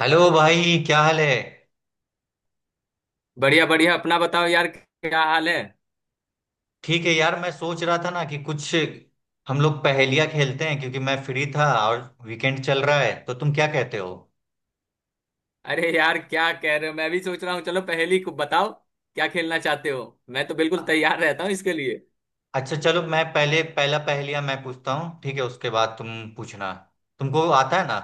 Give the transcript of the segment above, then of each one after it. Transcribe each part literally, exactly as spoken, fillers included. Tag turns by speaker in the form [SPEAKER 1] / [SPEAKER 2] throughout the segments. [SPEAKER 1] Hello भाई, क्या हाल है।
[SPEAKER 2] बढ़िया बढ़िया। अपना बताओ यार, क्या हाल है?
[SPEAKER 1] ठीक है यार। मैं सोच रहा था ना कि कुछ हम लोग पहेलियाँ खेलते हैं, क्योंकि मैं फ्री था और वीकेंड चल रहा है। तो तुम क्या कहते हो।
[SPEAKER 2] अरे यार, क्या कह रहे हो। मैं भी सोच रहा हूँ, चलो पहेली को बताओ, क्या खेलना चाहते हो? मैं तो बिल्कुल तैयार रहता हूँ इसके लिए।
[SPEAKER 1] अच्छा चलो, मैं पहले पहला पहेलिया मैं पूछता हूँ, ठीक है। उसके बाद तुम पूछना। तुमको आता है ना।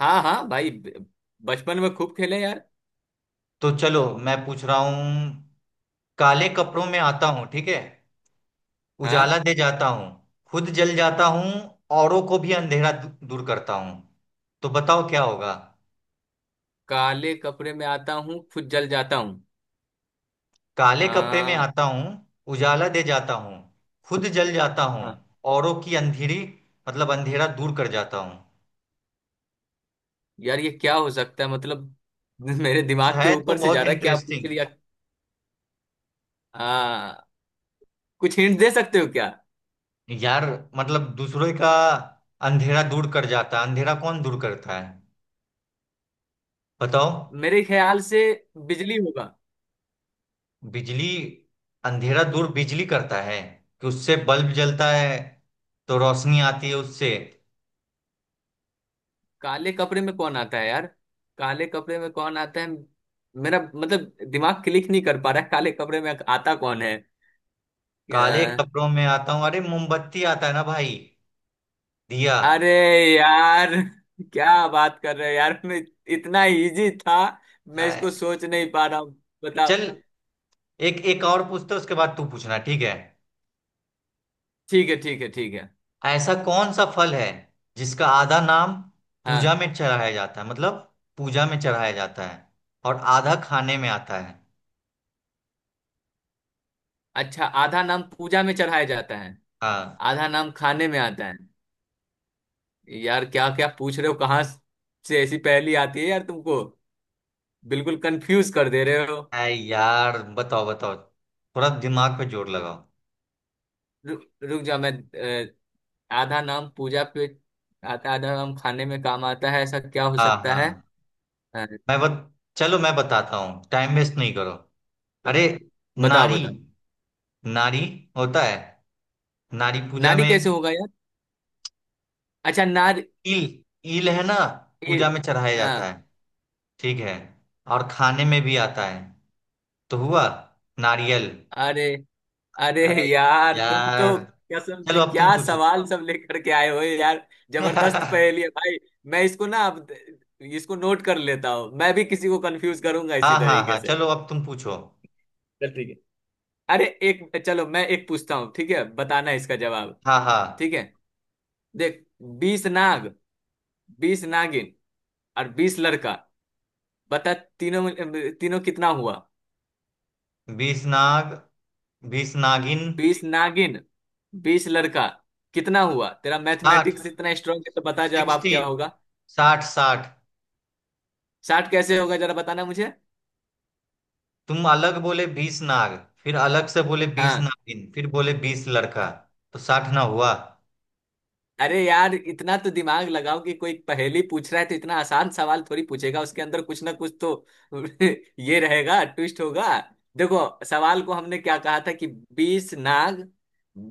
[SPEAKER 2] हाँ हाँ भाई, ब- बचपन में खूब खेले यार।
[SPEAKER 1] तो चलो मैं पूछ रहा हूँ। काले कपड़ों में आता हूँ, ठीक है।
[SPEAKER 2] हाँ।
[SPEAKER 1] उजाला दे जाता हूँ। खुद जल जाता हूँ। औरों को भी अंधेरा दू- दूर करता हूँ। तो बताओ क्या होगा।
[SPEAKER 2] काले कपड़े में आता हूँ, खुद जल जाता हूँ।
[SPEAKER 1] काले कपड़े में
[SPEAKER 2] हाँ।
[SPEAKER 1] आता हूँ। उजाला दे जाता हूँ। खुद जल जाता हूँ।
[SPEAKER 2] हाँ,
[SPEAKER 1] औरों की अंधेरी, मतलब अंधेरा दूर कर जाता हूँ।
[SPEAKER 2] यार ये क्या हो सकता है, मतलब मेरे
[SPEAKER 1] कुछ
[SPEAKER 2] दिमाग के
[SPEAKER 1] है तो
[SPEAKER 2] ऊपर से
[SPEAKER 1] बहुत
[SPEAKER 2] जा रहा है, क्या पूछ
[SPEAKER 1] इंटरेस्टिंग।
[SPEAKER 2] लिया। हाँ। कुछ हिंट दे सकते हो क्या?
[SPEAKER 1] यार, मतलब दूसरों का अंधेरा दूर कर जाता है। अंधेरा कौन दूर करता है, बताओ।
[SPEAKER 2] मेरे ख्याल से बिजली होगा।
[SPEAKER 1] बिजली। अंधेरा दूर बिजली करता है, कि उससे बल्ब जलता है, तो रोशनी आती है उससे।
[SPEAKER 2] काले कपड़े में कौन आता है यार, काले कपड़े में कौन आता है? मेरा मतलब दिमाग क्लिक नहीं कर पा रहा है, काले कपड़े में आता कौन है।
[SPEAKER 1] काले
[SPEAKER 2] अ,
[SPEAKER 1] कपड़ों में आता हूँ, अरे मोमबत्ती आता है ना भाई। दिया।
[SPEAKER 2] अरे यार, क्या बात कर रहे हो यार। मैं, इतना इजी था, मैं इसको सोच नहीं पा रहा हूँ। बताओ।
[SPEAKER 1] चल, एक एक और पूछते उसके बाद तू पूछना, ठीक है।
[SPEAKER 2] ठीक है ठीक है ठीक है।
[SPEAKER 1] ऐसा कौन सा फल है जिसका आधा नाम पूजा
[SPEAKER 2] हाँ।
[SPEAKER 1] में चढ़ाया जाता है, मतलब पूजा में चढ़ाया जाता है और आधा खाने में आता है।
[SPEAKER 2] अच्छा, आधा नाम पूजा में चढ़ाया जाता है।
[SPEAKER 1] हाँ।
[SPEAKER 2] आधा नाम खाने में आता है। यार क्या क्या पूछ रहे हो, कहाँ से ऐसी पहेली आती है यार, तुमको, बिल्कुल कंफ्यूज कर दे रहे हो।
[SPEAKER 1] अरे यार, बताओ बताओ। थोड़ा दिमाग पे जोर लगाओ।
[SPEAKER 2] रु, रुक जा। मैं अ, आधा नाम पूजा पे आता, आधा नाम खाने में काम आता है, ऐसा क्या हो
[SPEAKER 1] हाँ
[SPEAKER 2] सकता
[SPEAKER 1] हाँ।
[SPEAKER 2] है। अ,
[SPEAKER 1] मैं बत चलो मैं बताता हूँ, टाइम वेस्ट नहीं करो। अरे।
[SPEAKER 2] बताओ
[SPEAKER 1] नारी।
[SPEAKER 2] बताओ।
[SPEAKER 1] नारी होता है। नारी पूजा
[SPEAKER 2] नारी
[SPEAKER 1] में।
[SPEAKER 2] कैसे होगा यार? अच्छा नारी।
[SPEAKER 1] ईल। ईल है ना,
[SPEAKER 2] ये।
[SPEAKER 1] पूजा में चढ़ाया जाता है,
[SPEAKER 2] हाँ।
[SPEAKER 1] ठीक है। और खाने में भी आता है। तो हुआ नारियल।
[SPEAKER 2] अरे अरे,
[SPEAKER 1] अरे
[SPEAKER 2] यार तुम तो,
[SPEAKER 1] यार।
[SPEAKER 2] कसम
[SPEAKER 1] चलो
[SPEAKER 2] से
[SPEAKER 1] अब तुम
[SPEAKER 2] क्या
[SPEAKER 1] पूछो।
[SPEAKER 2] सवाल सब लेकर के आए हो यार, जबरदस्त
[SPEAKER 1] हाँ।
[SPEAKER 2] पहेली है भाई। मैं इसको ना अब इसको नोट कर लेता हूँ, मैं भी किसी को कंफ्यूज करूंगा इसी
[SPEAKER 1] हाँ
[SPEAKER 2] तरीके
[SPEAKER 1] हाँ,
[SPEAKER 2] से।
[SPEAKER 1] चलो अब तुम पूछो।
[SPEAKER 2] चल ठीक है। अरे एक, चलो मैं एक पूछता हूँ, ठीक है, बताना इसका जवाब।
[SPEAKER 1] हाँ हाँ।
[SPEAKER 2] ठीक है, देख। बीस नाग, बीस नागिन और बीस लड़का। बता, तीनों में- तीनों कितना हुआ?
[SPEAKER 1] बीस नाग, बीस नागिन।
[SPEAKER 2] बीस नागिन, बीस लड़का, कितना हुआ? तेरा
[SPEAKER 1] साठ।
[SPEAKER 2] मैथमेटिक्स इतना स्ट्रांग है तो बता, जवाब
[SPEAKER 1] सिक्सटी।
[SPEAKER 2] क्या होगा?
[SPEAKER 1] साठ साठ।
[SPEAKER 2] साठ कैसे होगा, जरा बताना मुझे।
[SPEAKER 1] तुम अलग बोले बीस नाग, फिर अलग से बोले बीस
[SPEAKER 2] हाँ।
[SPEAKER 1] नागिन, फिर बोले बीस लड़का। तो साठ ना हुआ।
[SPEAKER 2] अरे यार, इतना तो दिमाग लगाओ कि कोई पहेली पूछ रहा है तो इतना आसान सवाल थोड़ी पूछेगा, उसके अंदर कुछ ना कुछ तो ये रहेगा, ट्विस्ट होगा। देखो, सवाल को हमने क्या कहा था कि बीस नाग,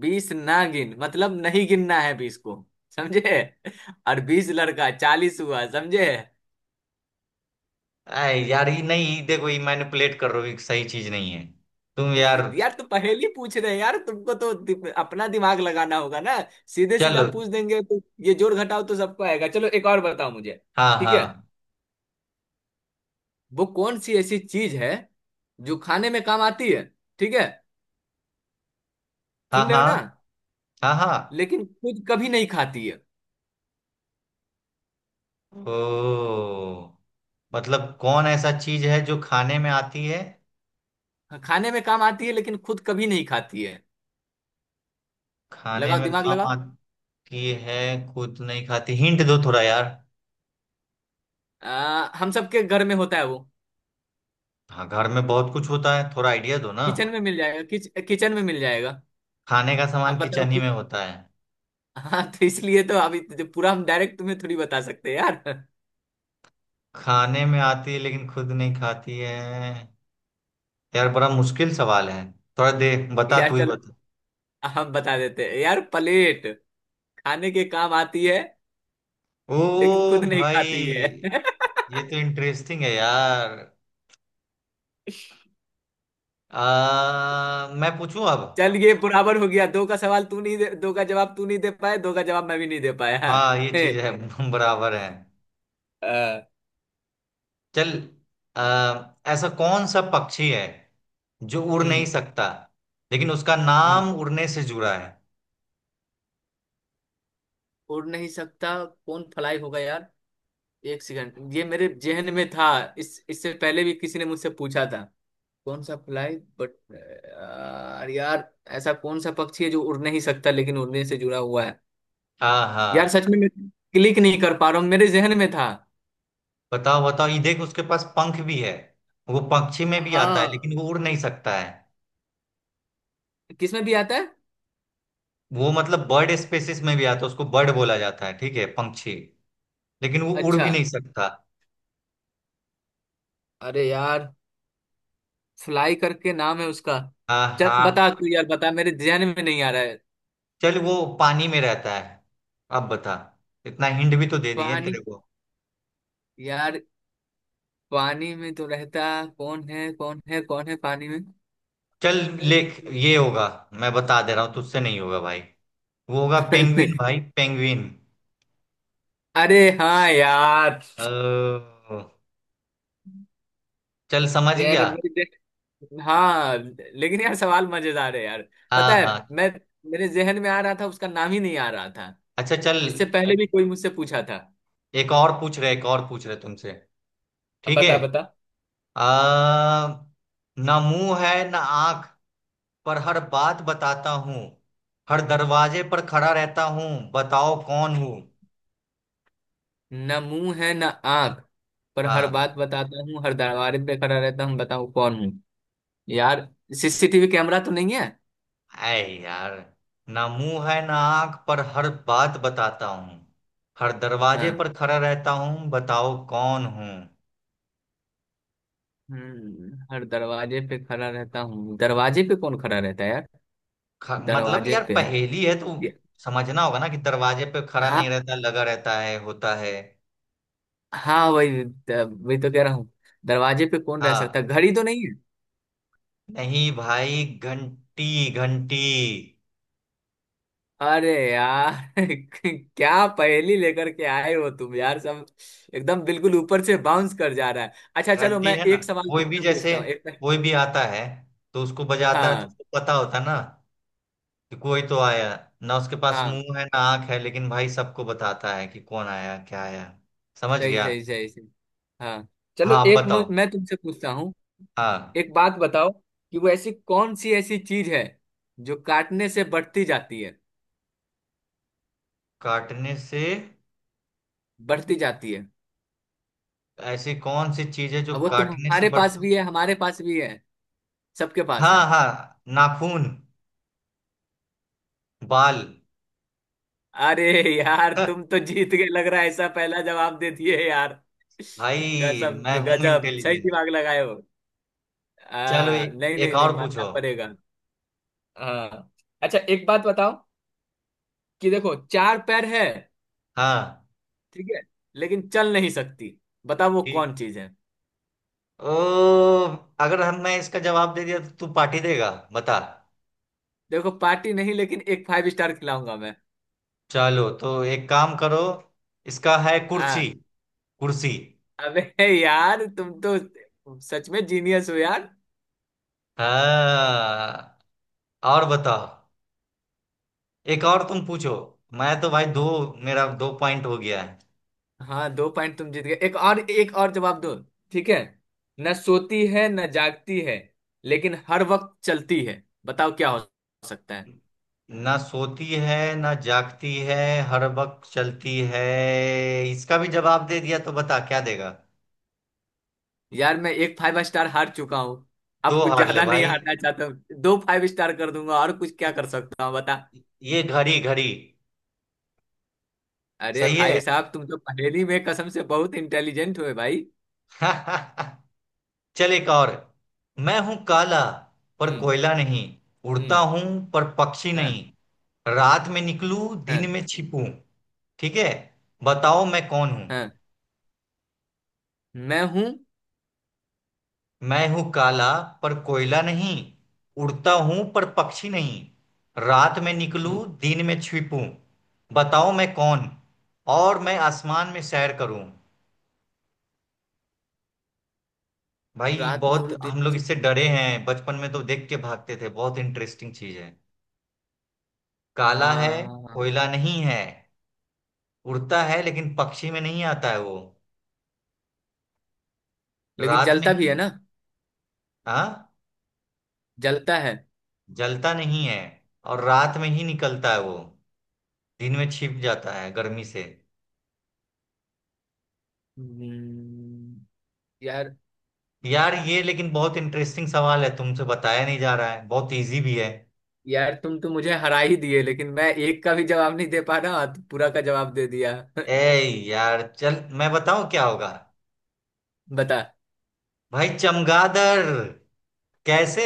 [SPEAKER 2] बीस ना गिन, मतलब नहीं गिनना है बीस को, समझे। और बीस लड़का चालीस हुआ, समझे।
[SPEAKER 1] अरे यार, ये नहीं। ये देखो, ये मैनिपुलेट कर रहे हो। ये सही चीज नहीं है तुम यार।
[SPEAKER 2] यार तो पहेली पूछ रहे हैं यार, तुमको तो दि- अपना दिमाग लगाना होगा ना। सीधे सीधा
[SPEAKER 1] चलो।
[SPEAKER 2] पूछ देंगे तो, ये जोड़ घटाव तो सबको आएगा। चलो एक और बताओ मुझे,
[SPEAKER 1] हाँ
[SPEAKER 2] ठीक है।
[SPEAKER 1] हाँ,
[SPEAKER 2] वो कौन सी ऐसी चीज है, जो खाने में काम आती है, ठीक है,
[SPEAKER 1] हाँ
[SPEAKER 2] सुन रहे
[SPEAKER 1] हाँ,
[SPEAKER 2] हो ना,
[SPEAKER 1] हाँ हाँ।
[SPEAKER 2] लेकिन खुद कभी नहीं खाती है।
[SPEAKER 1] ओ, मतलब कौन ऐसा चीज है जो खाने में आती है।
[SPEAKER 2] हाँ, खाने में काम आती है लेकिन खुद कभी नहीं खाती है।
[SPEAKER 1] खाने
[SPEAKER 2] लगाओ
[SPEAKER 1] में
[SPEAKER 2] दिमाग
[SPEAKER 1] काम
[SPEAKER 2] लगाओ।
[SPEAKER 1] आती है। खुद नहीं खाती, हिंट दो थोड़ा यार।
[SPEAKER 2] आ, हम सबके घर में होता है वो।
[SPEAKER 1] हाँ, घर में बहुत कुछ होता है, थोड़ा आइडिया दो ना।
[SPEAKER 2] किचन में मिल जाएगा, किच, किचन में मिल जाएगा।
[SPEAKER 1] खाने का
[SPEAKER 2] आप
[SPEAKER 1] सामान
[SPEAKER 2] बताओ
[SPEAKER 1] किचन ही
[SPEAKER 2] कि,
[SPEAKER 1] में होता है।
[SPEAKER 2] हाँ तो इसलिए तो अभी तो पूरा हम डायरेक्ट तुम्हें थोड़ी बता सकते हैं यार।
[SPEAKER 1] खाने में आती है लेकिन खुद नहीं खाती है। यार, बड़ा मुश्किल सवाल है। थोड़ा दे, बता
[SPEAKER 2] यार
[SPEAKER 1] तू ही
[SPEAKER 2] चलो,
[SPEAKER 1] बता।
[SPEAKER 2] हम बता देते हैं यार, प्लेट। खाने के काम आती है लेकिन
[SPEAKER 1] ओ
[SPEAKER 2] खुद नहीं खाती
[SPEAKER 1] भाई।
[SPEAKER 2] है।
[SPEAKER 1] ये तो इंटरेस्टिंग है यार। आ, मैं पूछूं अब।
[SPEAKER 2] चल, ये बराबर हो गया। दो का सवाल तू नहीं दे, दो का जवाब तू नहीं दे पाया, दो का जवाब मैं भी नहीं दे पाया।
[SPEAKER 1] हाँ, ये
[SPEAKER 2] हे,
[SPEAKER 1] चीज है। बराबर है।
[SPEAKER 2] अ,
[SPEAKER 1] चल। आ, ऐसा कौन सा पक्षी है जो उड़ नहीं
[SPEAKER 2] हम्म।
[SPEAKER 1] सकता, लेकिन उसका
[SPEAKER 2] हम्म।
[SPEAKER 1] नाम उड़ने से जुड़ा है।
[SPEAKER 2] उड़ नहीं सकता, कौन फ्लाई होगा यार। एक सेकंड, ये मेरे जेहन में था, इस इससे पहले भी किसी ने मुझसे पूछा था। कौन सा फ्लाई बट यार यार, ऐसा कौन सा पक्षी है जो उड़ नहीं सकता लेकिन उड़ने से जुड़ा हुआ है?
[SPEAKER 1] आहा।
[SPEAKER 2] यार सच में, मैं क्लिक नहीं कर पा रहा हूँ, मेरे जेहन में था।
[SPEAKER 1] बताओ बताओ, ये देख उसके पास पंख भी है। वो पक्षी में भी आता है,
[SPEAKER 2] हाँ।
[SPEAKER 1] लेकिन वो उड़ नहीं सकता है।
[SPEAKER 2] किसमें भी आता है?
[SPEAKER 1] वो मतलब बर्ड स्पेसिस में भी आता है, उसको बर्ड बोला जाता है, ठीक है। पंक्षी, लेकिन वो उड़
[SPEAKER 2] अच्छा।
[SPEAKER 1] भी नहीं सकता।
[SPEAKER 2] अरे यार, फ्लाई करके नाम है उसका। चल
[SPEAKER 1] आहा।
[SPEAKER 2] बता तू यार, बता, मेरे ध्यान में नहीं आ रहा है।
[SPEAKER 1] चल वो पानी में रहता है, अब बता। इतना हिंट भी तो दे दिए
[SPEAKER 2] पानी।
[SPEAKER 1] तेरे को।
[SPEAKER 2] यार पानी में तो रहता, कौन है कौन है कौन है पानी में?
[SPEAKER 1] चल लेख ये होगा। मैं बता दे रहा हूँ, तुझसे नहीं होगा भाई। वो होगा पेंगुइन भाई, पेंगुइन।
[SPEAKER 2] अरे हाँ यार।
[SPEAKER 1] अ, चल समझ
[SPEAKER 2] यार
[SPEAKER 1] गया।
[SPEAKER 2] मेरे, हाँ। लेकिन यार सवाल मजेदार है यार।
[SPEAKER 1] हाँ
[SPEAKER 2] पता है,
[SPEAKER 1] हाँ।
[SPEAKER 2] मैं, मेरे जहन में आ रहा था, उसका नाम ही नहीं आ रहा था।
[SPEAKER 1] अच्छा चल।
[SPEAKER 2] इससे पहले भी
[SPEAKER 1] ए-
[SPEAKER 2] कोई मुझसे पूछा था।
[SPEAKER 1] एक और पूछ रहे, एक और पूछ रहे तुमसे,
[SPEAKER 2] अब
[SPEAKER 1] ठीक है।
[SPEAKER 2] बता बता।
[SPEAKER 1] अ, ना मुंह है ना आंख, पर हर बात बताता हूँ। हर दरवाजे पर खड़ा रहता हूँ, बताओ कौन हूँ।
[SPEAKER 2] न मुंह है न आंख, पर हर
[SPEAKER 1] हाँ।
[SPEAKER 2] बात बताता हूँ, हर दरबार पे खड़ा रहता हूँ, बताओ कौन हूँ? यार सी सी टी वी कैमरा तो नहीं है?
[SPEAKER 1] ऐ यार, ना मुंह है ना आंख, पर हर बात बताता हूँ। हर दरवाजे
[SPEAKER 2] हाँ।
[SPEAKER 1] पर खड़ा रहता हूँ, बताओ कौन हूँ।
[SPEAKER 2] हम्म, हर दरवाजे पे खड़ा रहता हूँ, दरवाजे पे कौन खड़ा रहता है यार,
[SPEAKER 1] ख- मतलब
[SPEAKER 2] दरवाजे
[SPEAKER 1] यार
[SPEAKER 2] पे।
[SPEAKER 1] पहेली है तो
[SPEAKER 2] ये-
[SPEAKER 1] समझना होगा ना, कि दरवाजे पे खड़ा नहीं
[SPEAKER 2] हाँ
[SPEAKER 1] रहता, लगा रहता है, होता है।
[SPEAKER 2] हाँ, वही वही तो कह रहा हूँ, दरवाजे पे कौन रह सकता है,
[SPEAKER 1] हाँ,
[SPEAKER 2] घड़ी तो नहीं है?
[SPEAKER 1] नहीं भाई, घंटी। घंटी।
[SPEAKER 2] अरे यार, क्या पहेली लेकर के आए हो तुम यार, सब एकदम बिल्कुल ऊपर से बाउंस कर जा रहा है। अच्छा चलो,
[SPEAKER 1] घंटी
[SPEAKER 2] मैं
[SPEAKER 1] है ना,
[SPEAKER 2] एक सवाल
[SPEAKER 1] कोई भी
[SPEAKER 2] तुमसे
[SPEAKER 1] जैसे
[SPEAKER 2] पूछता हूँ, एक।
[SPEAKER 1] कोई भी आता है तो उसको बजाता है, तो
[SPEAKER 2] हाँ
[SPEAKER 1] उसको पता होता है ना कि कोई तो आया। ना उसके पास
[SPEAKER 2] हाँ।
[SPEAKER 1] मुंह है ना आंख है, लेकिन भाई सबको बताता है कि कौन आया क्या आया। समझ
[SPEAKER 2] सही
[SPEAKER 1] गया।
[SPEAKER 2] सही सही सही। हाँ चलो
[SPEAKER 1] हाँ आप
[SPEAKER 2] एक,
[SPEAKER 1] बताओ,
[SPEAKER 2] मु- मैं तुमसे पूछता हूँ।
[SPEAKER 1] हाँ।
[SPEAKER 2] एक बात बताओ, कि वो ऐसी कौन सी ऐसी चीज है जो काटने से बढ़ती जाती है,
[SPEAKER 1] काटने से।
[SPEAKER 2] बढ़ती जाती है।
[SPEAKER 1] ऐसी कौन सी चीज है जो
[SPEAKER 2] अब वो
[SPEAKER 1] काटने से
[SPEAKER 2] तुम्हारे पास
[SPEAKER 1] बढ़ती।
[SPEAKER 2] भी है, हमारे पास भी है, सबके पास है।
[SPEAKER 1] हाँ हाँ, नाखून, बाल।
[SPEAKER 2] अरे यार, तुम तो जीत गए लग रहा है ऐसा, पहला जवाब दे दिए यार।
[SPEAKER 1] भाई
[SPEAKER 2] गजब
[SPEAKER 1] मैं हूं
[SPEAKER 2] गजब, सही
[SPEAKER 1] इंटेलिजेंट।
[SPEAKER 2] दिमाग लगाए हो।
[SPEAKER 1] चलो
[SPEAKER 2] आ,
[SPEAKER 1] ए-
[SPEAKER 2] नहीं
[SPEAKER 1] एक
[SPEAKER 2] नहीं नहीं,
[SPEAKER 1] और
[SPEAKER 2] मानना
[SPEAKER 1] पूछो।
[SPEAKER 2] पड़ेगा। हाँ, अच्छा एक बात बताओ कि देखो, चार पैर है,
[SPEAKER 1] हाँ।
[SPEAKER 2] ठीक है, लेकिन चल नहीं सकती, बताओ वो
[SPEAKER 1] ठीक।
[SPEAKER 2] कौन चीज है?
[SPEAKER 1] ओ, अगर हम मैं इसका जवाब दे दिया तो तू पार्टी देगा, बता।
[SPEAKER 2] देखो पार्टी नहीं, लेकिन एक फाइव स्टार खिलाऊंगा मैं।
[SPEAKER 1] चलो तो एक काम करो। इसका है कुर्सी।
[SPEAKER 2] हाँ,
[SPEAKER 1] कुर्सी।
[SPEAKER 2] अबे यार तुम तो सच में जीनियस हो यार।
[SPEAKER 1] हाँ और बताओ, एक और तुम पूछो। मैं तो भाई दो, मेरा दो पॉइंट हो गया।
[SPEAKER 2] हाँ, दो पॉइंट तुम जीत गए, एक और, एक और जवाब दो, ठीक है। न सोती है न जागती है, लेकिन हर वक्त चलती है, बताओ क्या हो सकता है?
[SPEAKER 1] ना सोती है ना जागती है, हर वक्त चलती है। इसका भी जवाब दे दिया तो बता क्या देगा।
[SPEAKER 2] यार मैं एक फाइव स्टार हार चुका हूँ,
[SPEAKER 1] दो
[SPEAKER 2] अब कुछ
[SPEAKER 1] हार ले
[SPEAKER 2] ज्यादा नहीं
[SPEAKER 1] भाई।
[SPEAKER 2] हारना चाहता हूँ। दो फाइव स्टार कर दूंगा, और कुछ क्या कर सकता हूँ, बता।
[SPEAKER 1] ये घड़ी। घड़ी।
[SPEAKER 2] अरे
[SPEAKER 1] सही
[SPEAKER 2] भाई
[SPEAKER 1] है।
[SPEAKER 2] साहब, तुम तो पहेली में कसम से बहुत इंटेलिजेंट हुए भाई।
[SPEAKER 1] चल एक और। मैं हूं काला, पर
[SPEAKER 2] हम्म।
[SPEAKER 1] कोयला नहीं। उड़ता
[SPEAKER 2] हम्म।
[SPEAKER 1] हूं, पर पक्षी नहीं।
[SPEAKER 2] हाँ
[SPEAKER 1] रात में निकलूं, दिन
[SPEAKER 2] हाँ
[SPEAKER 1] में छिपूं, ठीक है। बताओ मैं कौन हूं।
[SPEAKER 2] हाँ, मैं हूँ।
[SPEAKER 1] मैं हूं काला पर कोयला नहीं। उड़ता हूं पर पक्षी नहीं। रात में निकलूं
[SPEAKER 2] हम्म,
[SPEAKER 1] दिन में छिपूं। बताओ मैं कौन। और मैं आसमान में सैर करूं। भाई
[SPEAKER 2] रात में
[SPEAKER 1] बहुत
[SPEAKER 2] और दिन
[SPEAKER 1] हम
[SPEAKER 2] में
[SPEAKER 1] लोग
[SPEAKER 2] छुप
[SPEAKER 1] इससे
[SPEAKER 2] में।
[SPEAKER 1] डरे हैं बचपन में, तो देख के भागते थे, बहुत इंटरेस्टिंग चीज है। काला है,
[SPEAKER 2] हाँ,
[SPEAKER 1] कोयला नहीं है। उड़ता है लेकिन पक्षी में नहीं आता है वो।
[SPEAKER 2] लेकिन
[SPEAKER 1] रात में
[SPEAKER 2] जलता भी है
[SPEAKER 1] ही।
[SPEAKER 2] ना?
[SPEAKER 1] हाँ।
[SPEAKER 2] जलता है।
[SPEAKER 1] जलता नहीं है, और रात में ही निकलता है वो। दिन में छिप जाता है गर्मी से।
[SPEAKER 2] हम्म। यार,
[SPEAKER 1] यार ये लेकिन बहुत इंटरेस्टिंग सवाल है, तुमसे बताया नहीं जा रहा है, बहुत इजी भी है।
[SPEAKER 2] यार तुम तो मुझे हरा ही दिए, लेकिन मैं एक का भी जवाब नहीं दे पा रहा, तो पूरा का जवाब दे दिया।
[SPEAKER 1] ए यार चल, मैं बताऊं क्या होगा।
[SPEAKER 2] बता।
[SPEAKER 1] भाई चमगादड़। कैसे,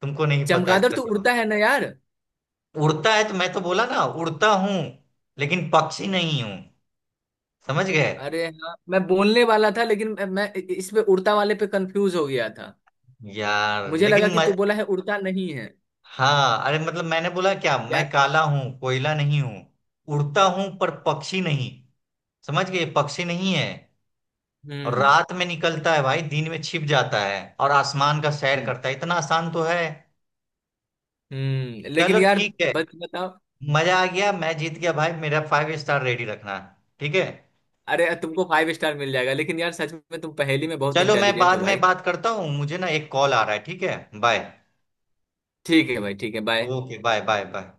[SPEAKER 1] तुमको नहीं पता
[SPEAKER 2] चमगादड़
[SPEAKER 1] इसका
[SPEAKER 2] तो उड़ता
[SPEAKER 1] जवाब।
[SPEAKER 2] है ना यार?
[SPEAKER 1] उड़ता है तो मैं तो बोला ना, उड़ता हूं लेकिन पक्षी नहीं हूं, समझ गए।
[SPEAKER 2] अरे हाँ, मैं बोलने वाला था, लेकिन मैं मैं इस पे उड़ता वाले पे कंफ्यूज हो गया था।
[SPEAKER 1] यार
[SPEAKER 2] मुझे लगा
[SPEAKER 1] लेकिन
[SPEAKER 2] कि
[SPEAKER 1] म...
[SPEAKER 2] तू बोला है उड़ता नहीं है।
[SPEAKER 1] हाँ, अरे मतलब मैंने बोला क्या, मैं
[SPEAKER 2] यार।
[SPEAKER 1] काला हूं कोयला नहीं हूं। उड़ता हूं पर पक्षी नहीं, समझ गए, पक्षी नहीं है। और
[SPEAKER 2] हम्म।
[SPEAKER 1] रात में निकलता है भाई, दिन में छिप जाता है, और आसमान का सैर
[SPEAKER 2] हम्म।
[SPEAKER 1] करता है। इतना आसान तो है।
[SPEAKER 2] हम्म, लेकिन
[SPEAKER 1] चलो
[SPEAKER 2] यार,
[SPEAKER 1] ठीक है।
[SPEAKER 2] बस बताओ।
[SPEAKER 1] मजा आ गया, मैं जीत गया भाई, मेरा फाइव स्टार रेडी रखना, ठीक है।
[SPEAKER 2] अरे, तुमको फाइव स्टार मिल जाएगा, लेकिन यार सच में तुम पहेली में बहुत
[SPEAKER 1] चलो मैं
[SPEAKER 2] इंटेलिजेंट हो
[SPEAKER 1] बाद में
[SPEAKER 2] भाई।
[SPEAKER 1] बात करता हूँ, मुझे ना एक कॉल आ रहा है, ठीक है बाय।
[SPEAKER 2] ठीक है भाई, ठीक है, bye.
[SPEAKER 1] Okay bye bye bye.